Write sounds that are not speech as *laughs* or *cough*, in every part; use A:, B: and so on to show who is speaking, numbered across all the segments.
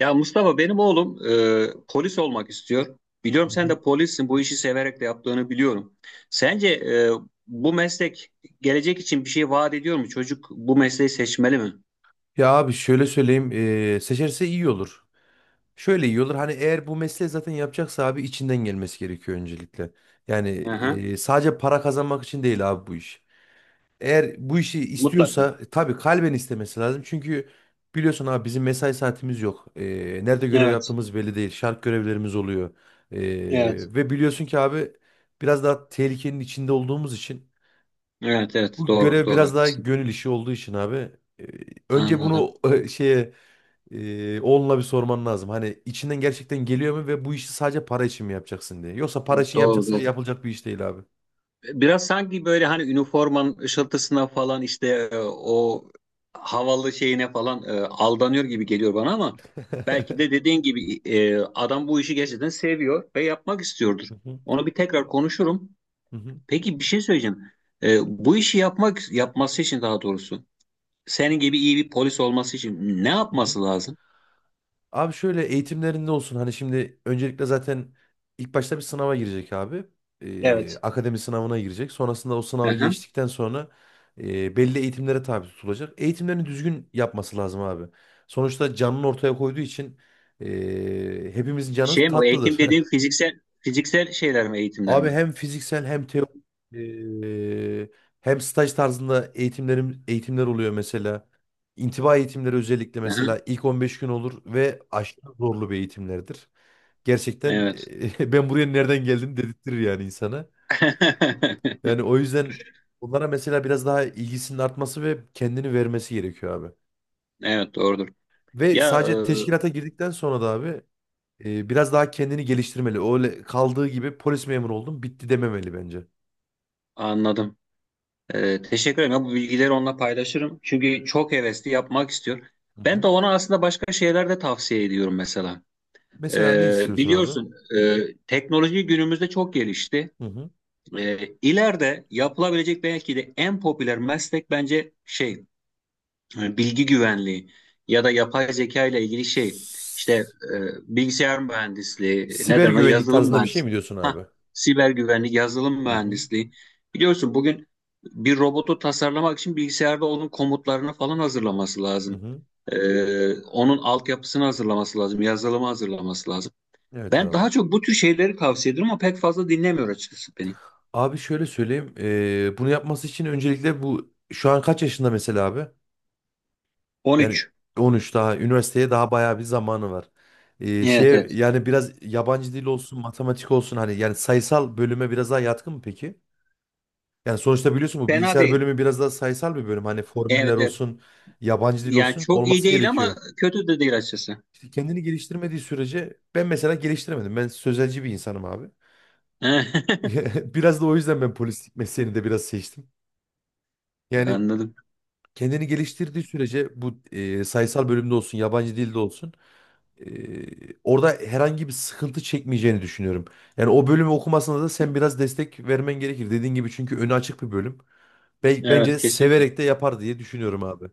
A: Ya Mustafa benim oğlum polis olmak istiyor.
B: Hı
A: Biliyorum sen
B: hı.
A: de polissin. Bu işi severek de yaptığını biliyorum. Sence bu meslek gelecek için bir şey vaat ediyor mu? Çocuk bu mesleği seçmeli mi?
B: Ya abi şöyle söyleyeyim seçerse iyi olur. Şöyle iyi olur, hani eğer bu mesleği zaten yapacaksa abi içinden gelmesi gerekiyor öncelikle. Yani
A: Aha,
B: sadece para kazanmak için değil abi bu iş. Eğer bu işi
A: mutlaka.
B: istiyorsa tabii kalben istemesi lazım. Çünkü biliyorsun abi bizim mesai saatimiz yok. Nerede görev
A: Evet,
B: yaptığımız belli değil. Şart görevlerimiz oluyor.
A: evet.
B: Ve biliyorsun ki abi biraz daha tehlikenin içinde olduğumuz için
A: Evet, evet,
B: bu
A: doğru
B: görev
A: doğru
B: biraz daha
A: haklısın.
B: gönül işi olduğu için abi. e, Önce
A: Anladım.
B: bunu oğluna bir sorman lazım. Hani içinden gerçekten geliyor mu ve bu işi sadece para için mi yapacaksın diye. Yoksa para için
A: Doğru
B: yapacaksa
A: doğru.
B: yapılacak bir iş değil abi.
A: Biraz sanki böyle hani üniformanın ışıltısına falan işte o havalı şeyine falan aldanıyor gibi geliyor bana, ama belki
B: *laughs*
A: de dediğin gibi adam bu işi gerçekten seviyor ve yapmak istiyordur.
B: Hı hı,
A: Onu bir tekrar konuşurum.
B: hı hı,
A: Peki bir şey söyleyeceğim. E, bu işi yapması için, daha doğrusu senin gibi iyi bir polis olması için ne
B: hı hı.
A: yapması lazım?
B: Abi şöyle, eğitimlerinde olsun, hani şimdi öncelikle zaten ilk başta bir sınava girecek abi.
A: Evet.
B: Akademi sınavına girecek. Sonrasında o sınavı
A: Aha.
B: geçtikten sonra belli eğitimlere tabi tutulacak. Eğitimlerini düzgün yapması lazım abi. Sonuçta canını ortaya koyduğu için hepimizin canı
A: Şey mi? O
B: tatlıdır.
A: eğitim dediğin
B: *laughs*
A: fiziksel fiziksel şeyler mi, eğitimler
B: Abi
A: mi?
B: hem fiziksel, hem teorik, e, hem staj tarzında eğitimler oluyor mesela. İntiba eğitimleri, özellikle
A: Aha.
B: mesela, ilk 15 gün olur ve aşırı zorlu bir eğitimlerdir gerçekten.
A: Evet.
B: *laughs* Ben buraya nereden geldim dedirtir yani insana. Yani
A: *laughs*
B: o yüzden onlara mesela biraz daha ilgisinin artması ve kendini vermesi gerekiyor abi.
A: Evet, doğrudur.
B: Ve
A: Ya
B: sadece teşkilata girdikten sonra da abi biraz daha kendini geliştirmeli. Öyle kaldığı gibi polis memuru oldum bitti dememeli bence.
A: anladım. Teşekkür ederim. Ya, bu bilgileri onunla paylaşırım. Çünkü çok hevesli, yapmak istiyor.
B: Hı
A: Ben de
B: hı.
A: ona aslında başka şeyler de tavsiye ediyorum mesela. E,
B: Mesela ne istiyorsun abi?
A: biliyorsun teknoloji günümüzde çok gelişti.
B: Hı hı.
A: E, ileride yapılabilecek belki de en popüler meslek, bence şey, bilgi güvenliği ya da yapay zeka ile ilgili şey, işte
B: S-
A: bilgisayar mühendisliği,
B: Siber
A: neden o
B: güvenlik
A: yazılım
B: tarzında bir şey mi
A: mühendisliği,
B: diyorsun
A: ha,
B: abi?
A: siber güvenlik, yazılım
B: Hı hı.
A: mühendisliği. Biliyorsun, bugün bir robotu tasarlamak için bilgisayarda onun komutlarını falan hazırlaması
B: Hı
A: lazım.
B: hı.
A: Onun altyapısını hazırlaması lazım, yazılımı hazırlaması lazım.
B: Evet
A: Ben
B: abi.
A: daha çok bu tür şeyleri tavsiye ediyorum ama pek fazla dinlemiyor açıkçası beni.
B: Abi şöyle söyleyeyim. Bunu yapması için öncelikle bu şu an kaç yaşında mesela abi? Yani
A: 13.
B: 13, daha üniversiteye daha bayağı bir zamanı var.
A: Evet,
B: Şeye
A: evet.
B: Yani biraz yabancı dil olsun, matematik olsun, hani yani sayısal bölüme biraz daha yatkın mı peki? Yani sonuçta biliyorsun bu
A: Fena
B: bilgisayar
A: değil.
B: bölümü biraz daha sayısal bir bölüm. Hani
A: Evet,
B: formüller
A: evet.
B: olsun, yabancı dil
A: Yani
B: olsun
A: çok iyi
B: olması
A: değil ama
B: gerekiyor.
A: kötü de değil açıkçası.
B: İşte kendini geliştirmediği sürece, ben mesela geliştiremedim. Ben sözelci bir insanım abi.
A: *laughs*
B: *laughs* Biraz da o yüzden ben polislik mesleğini de biraz seçtim. Yani
A: Anladım.
B: kendini geliştirdiği sürece bu sayısal bölümde olsun, yabancı dilde olsun, e, orada herhangi bir sıkıntı çekmeyeceğini düşünüyorum. Yani o bölümü okumasına da sen biraz destek vermen gerekir. Dediğin gibi, çünkü önü açık bir bölüm.
A: Evet,
B: Bence
A: kesinlikle.
B: severek de yapar diye düşünüyorum abi.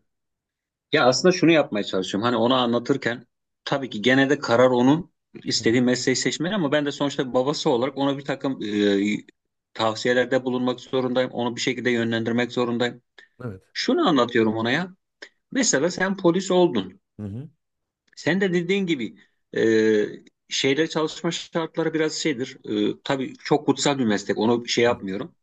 A: Ya aslında şunu yapmaya çalışıyorum. Hani ona anlatırken tabii ki gene de karar onun,
B: Hı
A: istediği
B: hı.
A: mesleği seçmeli, ama ben de sonuçta babası olarak ona bir takım tavsiyelerde bulunmak zorundayım. Onu bir şekilde yönlendirmek zorundayım.
B: Evet.
A: Şunu anlatıyorum ona ya. Mesela sen polis oldun.
B: Hı hı.
A: Sen de dediğin gibi, e, şeyle, çalışma şartları biraz şeydir. Tabii çok kutsal bir meslek. Onu şey
B: Hı hı.
A: yapmıyorum.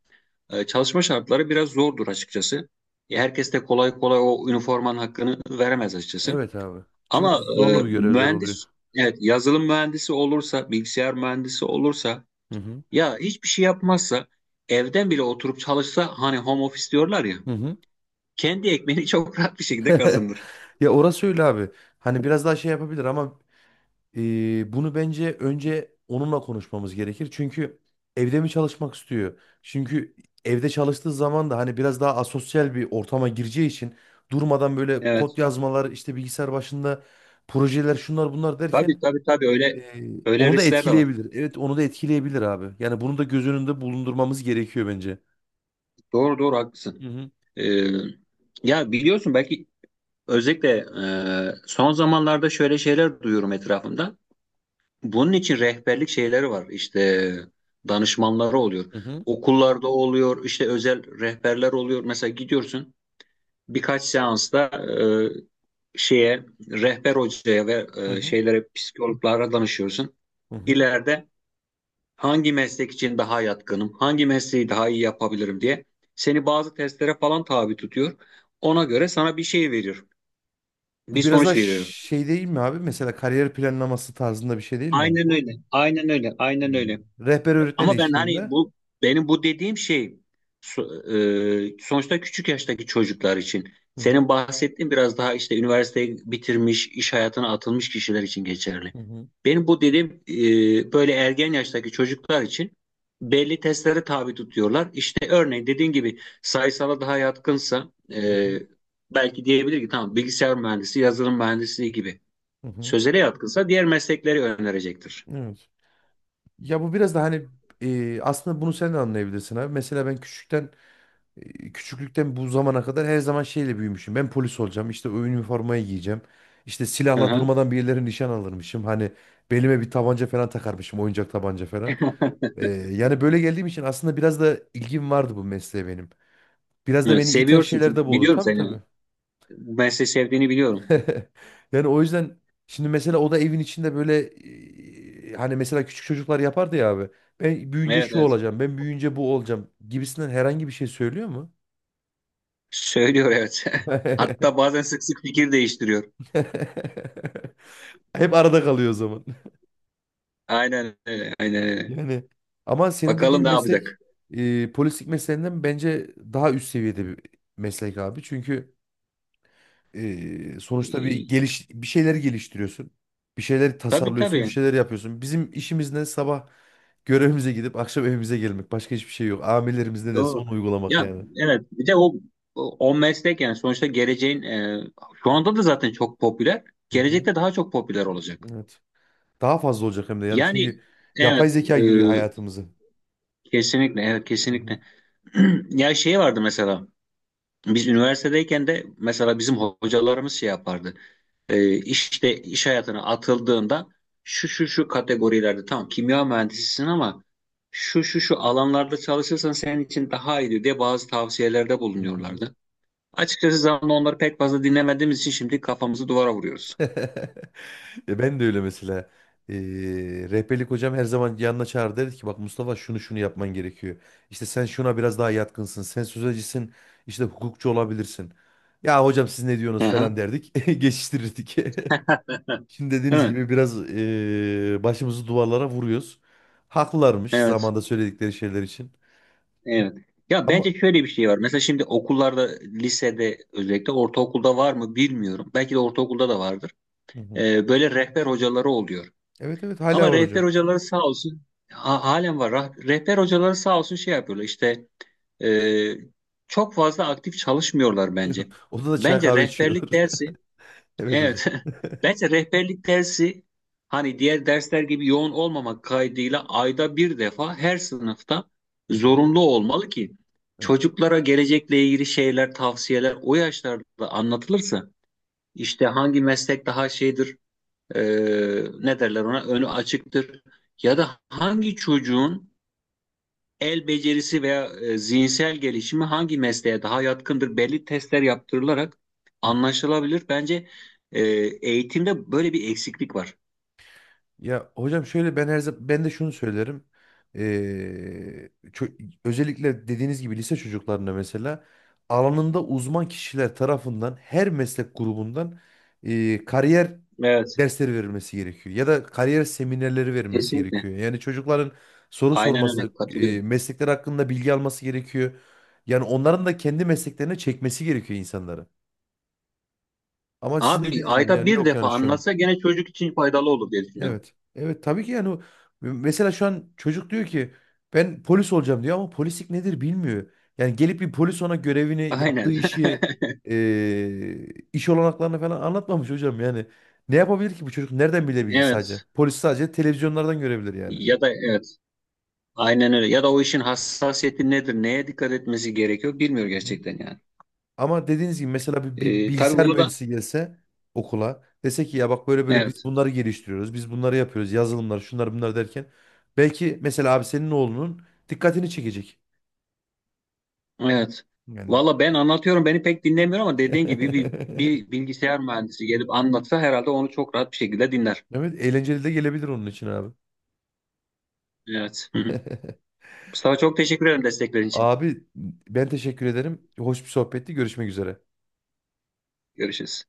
A: Çalışma şartları biraz zordur açıkçası. Herkes de kolay kolay o üniformanın hakkını veremez açıkçası.
B: Evet abi. Çünkü
A: Ama
B: zorlu bir görevler oluyor.
A: mühendis, evet, yazılım mühendisi olursa, bilgisayar mühendisi olursa,
B: Hı hı.
A: ya hiçbir şey yapmazsa, evden bile oturup çalışsa, hani home office diyorlar ya,
B: Hı hı.
A: kendi ekmeğini *laughs* çok rahat bir şekilde
B: *laughs*
A: kazanır.
B: Ya orası öyle abi. Hani biraz daha şey yapabilir ama bunu bence önce onunla konuşmamız gerekir. Çünkü evde mi çalışmak istiyor? Çünkü evde çalıştığı zaman da hani biraz daha asosyal bir ortama gireceği için, durmadan böyle
A: Evet,
B: kod yazmalar, işte bilgisayar başında projeler, şunlar bunlar
A: tabii
B: derken
A: tabii tabii öyle,
B: e,
A: öyle
B: onu da
A: riskler de var.
B: etkileyebilir. Evet, onu da etkileyebilir abi. Yani bunu da göz önünde bulundurmamız gerekiyor bence.
A: Doğru doğru haklısın.
B: Hı hı.
A: E, ya biliyorsun, belki özellikle son zamanlarda şöyle şeyler duyuyorum etrafımda. Bunun için rehberlik şeyleri var. İşte danışmanları oluyor.
B: Hı hı.
A: Okullarda oluyor, işte özel rehberler oluyor. Mesela gidiyorsun birkaç seansta şeye, rehber hocaya, ve
B: Hı hı.
A: şeylere, psikologlara danışıyorsun.
B: Hı hı.
A: İleride hangi meslek için daha yatkınım, hangi mesleği daha iyi yapabilirim diye seni bazı testlere falan tabi tutuyor. Ona göre sana bir şey veriyor,
B: Bu
A: bir
B: biraz da
A: sonuç veriyor.
B: şey değil mi abi? Mesela kariyer planlaması tarzında bir şey değil mi abi
A: Aynen
B: bu?
A: öyle, aynen öyle, aynen
B: Hmm.
A: öyle.
B: Rehber öğretmen
A: Ama ben hani
B: eşliğinde.
A: bu, benim bu dediğim şey, sonuçta küçük yaştaki çocuklar için.
B: Hı hı,
A: Senin bahsettiğin biraz daha işte üniversiteyi bitirmiş, iş hayatına atılmış kişiler için geçerli.
B: hı hı,
A: Benim bu dediğim böyle ergen yaştaki çocuklar için belli testlere tabi tutuyorlar. İşte örneğin dediğin gibi, sayısala daha yatkınsa
B: hı hı,
A: belki diyebilir ki tamam, bilgisayar mühendisi, yazılım mühendisliği gibi.
B: hı hı.
A: Sözele yatkınsa diğer meslekleri önerecektir.
B: Evet. Ya bu biraz da hani aslında bunu sen de anlayabilirsin abi. Mesela ben küçükten küçüklükten bu zamana kadar her zaman şeyle büyümüşüm. Ben polis olacağım. İşte o üniformayı giyeceğim. İşte
A: Hı
B: silahla
A: hı.
B: durmadan birileri nişan alırmışım. Hani belime bir tabanca falan takarmışım. Oyuncak tabanca falan. Yani böyle geldiğim için aslında biraz da ilgim vardı bu mesleğe benim. Biraz da
A: Evet,
B: beni iten
A: seviyorsun,
B: şeyler
A: çünkü
B: de bu oldu.
A: biliyorum
B: Tabii
A: seni.
B: tabii.
A: Bu mesleği sevdiğini biliyorum.
B: *laughs* Yani o yüzden şimdi mesela o da evin içinde böyle, hani mesela küçük çocuklar yapardı ya abi. Ben büyüyünce
A: Evet,
B: şu
A: evet.
B: olacağım, ben büyüyünce bu olacağım gibisinden herhangi bir şey söylüyor mu?
A: Söylüyor, evet. *laughs*
B: *laughs*
A: Hatta bazen sık sık fikir değiştiriyor.
B: Hep arada kalıyor o zaman. *laughs*
A: Aynen öyle. Aynen öyle.
B: Yani ama senin
A: Bakalım
B: dediğin
A: ne
B: meslek
A: yapacak.
B: polislik mesleğinden bence daha üst seviyede bir meslek abi. Çünkü sonuçta
A: Ee,
B: bir şeyleri geliştiriyorsun. Bir şeyleri
A: tabii
B: tasarlıyorsun, bir
A: tabii.
B: şeyler yapıyorsun. Bizim işimiz ne? Sabah görevimize gidip akşam evimize gelmek. Başka hiçbir şey yok. Amirlerimiz ne derse
A: Doğru.
B: onu uygulamak
A: Ya
B: yani.
A: evet, bir de o meslek, yani sonuçta geleceğin, şu anda da zaten çok popüler.
B: Hı hı.
A: Gelecekte daha çok popüler olacak.
B: Evet. Daha fazla olacak hem de yani
A: Yani
B: çünkü
A: evet,
B: yapay zeka yürüyor hayatımızı.
A: kesinlikle, evet,
B: Hı hı.
A: kesinlikle. *clears throat* Ya şey vardı mesela, biz üniversitedeyken de mesela bizim hocalarımız şey yapardı. E, işte iş hayatına atıldığında şu şu şu kategorilerde tamam, kimya mühendisisin, ama şu şu şu alanlarda çalışırsan senin için daha iyidir diye bazı tavsiyelerde
B: Hı hı.
A: bulunuyorlardı. Açıkçası zamanında onları pek fazla dinlemediğimiz için şimdi kafamızı duvara vuruyoruz.
B: *laughs* Ya ben de öyle mesela. Ee, Rehberlik hocam her zaman yanına çağırdı, dedi ki bak Mustafa şunu şunu yapman gerekiyor. İşte sen şuna biraz daha yatkınsın. Sen sözcüsün, işte hukukçu olabilirsin. Ya hocam siz ne diyorsunuz
A: Aha,
B: falan derdik. *laughs* Geçiştirirdik. *laughs* Şimdi dediğiniz
A: evet,
B: gibi biraz başımızı duvarlara vuruyoruz. Haklılarmış
A: evet,
B: zamanda söyledikleri şeyler için.
A: evet. Ya
B: Ama
A: bence şöyle bir şey var. Mesela şimdi okullarda, lisede, özellikle ortaokulda var mı bilmiyorum. Belki de ortaokulda da vardır.
B: hı hı,
A: Böyle rehber hocaları oluyor.
B: evet evet hala
A: Ama
B: var
A: rehber
B: hocam.
A: hocaları sağ olsun, halen var. Rehber hocaları sağ olsun şey yapıyorlar, işte e, çok fazla aktif çalışmıyorlar bence.
B: *laughs* Odada çay
A: Bence
B: kahve içiyorlar.
A: rehberlik
B: *laughs*
A: dersi,
B: Evet hocam.
A: evet, *laughs* bence rehberlik dersi, hani diğer dersler gibi yoğun olmamak kaydıyla ayda bir defa her sınıfta
B: Hı hı.
A: zorunlu olmalı ki
B: Evet.
A: çocuklara gelecekle ilgili şeyler, tavsiyeler o yaşlarda anlatılırsa, işte hangi meslek daha şeydir, e, ne derler ona, önü açıktır. Ya da hangi çocuğun el becerisi veya zihinsel gelişimi hangi mesleğe daha yatkındır, belli testler yaptırılarak anlaşılabilir. Bence e, eğitimde böyle bir eksiklik var.
B: Ya hocam şöyle, ben her zaman ben de şunu söylerim. Özellikle dediğiniz gibi lise çocuklarına mesela alanında uzman kişiler tarafından her meslek grubundan kariyer
A: Evet,
B: dersleri verilmesi gerekiyor ya da kariyer seminerleri verilmesi
A: kesinlikle.
B: gerekiyor. Yani çocukların soru
A: Aynen
B: sorması,
A: öyle, katılıyorum.
B: meslekler hakkında bilgi alması gerekiyor. Yani onların da kendi mesleklerine çekmesi gerekiyor insanları. Ama sizin
A: Abi
B: dediğiniz gibi
A: ayda
B: yani
A: bir
B: yok
A: defa
B: yani şu an.
A: anlatsa gene çocuk için faydalı olur diye düşünüyorum.
B: Evet. Evet tabii ki yani, mesela şu an çocuk diyor ki ben polis olacağım diyor, ama polislik nedir bilmiyor. Yani gelip bir polis ona görevini, yaptığı
A: Aynen. *laughs*
B: işi, eee, iş olanaklarını falan anlatmamış hocam yani. Ne yapabilir ki bu çocuk? Nereden bilebilir sadece?
A: Evet.
B: Polis sadece televizyonlardan görebilir yani.
A: Ya da evet. Aynen öyle. Ya da o işin hassasiyeti nedir? Neye dikkat etmesi gerekiyor? Bilmiyor
B: Hı hı.
A: gerçekten yani.
B: Ama dediğiniz gibi mesela bir
A: Tabii
B: bilgisayar
A: bunu da,
B: mühendisi gelse okula dese ki ya bak böyle böyle biz
A: evet.
B: bunları geliştiriyoruz, biz bunları yapıyoruz, yazılımlar, şunlar bunlar derken belki mesela abi senin oğlunun dikkatini çekecek.
A: Evet.
B: Yani.
A: Valla ben anlatıyorum, beni pek dinlemiyor, ama dediğin gibi bir
B: *laughs*
A: bilgisayar mühendisi gelip anlatsa herhalde onu çok rahat bir şekilde dinler.
B: Evet eğlenceli de gelebilir onun için abi.
A: Evet. Hı hı.
B: *laughs*
A: Mustafa, çok teşekkür ederim desteklerin için.
B: Abi ben teşekkür ederim. Hoş bir sohbetti. Görüşmek üzere.
A: Görüşürüz.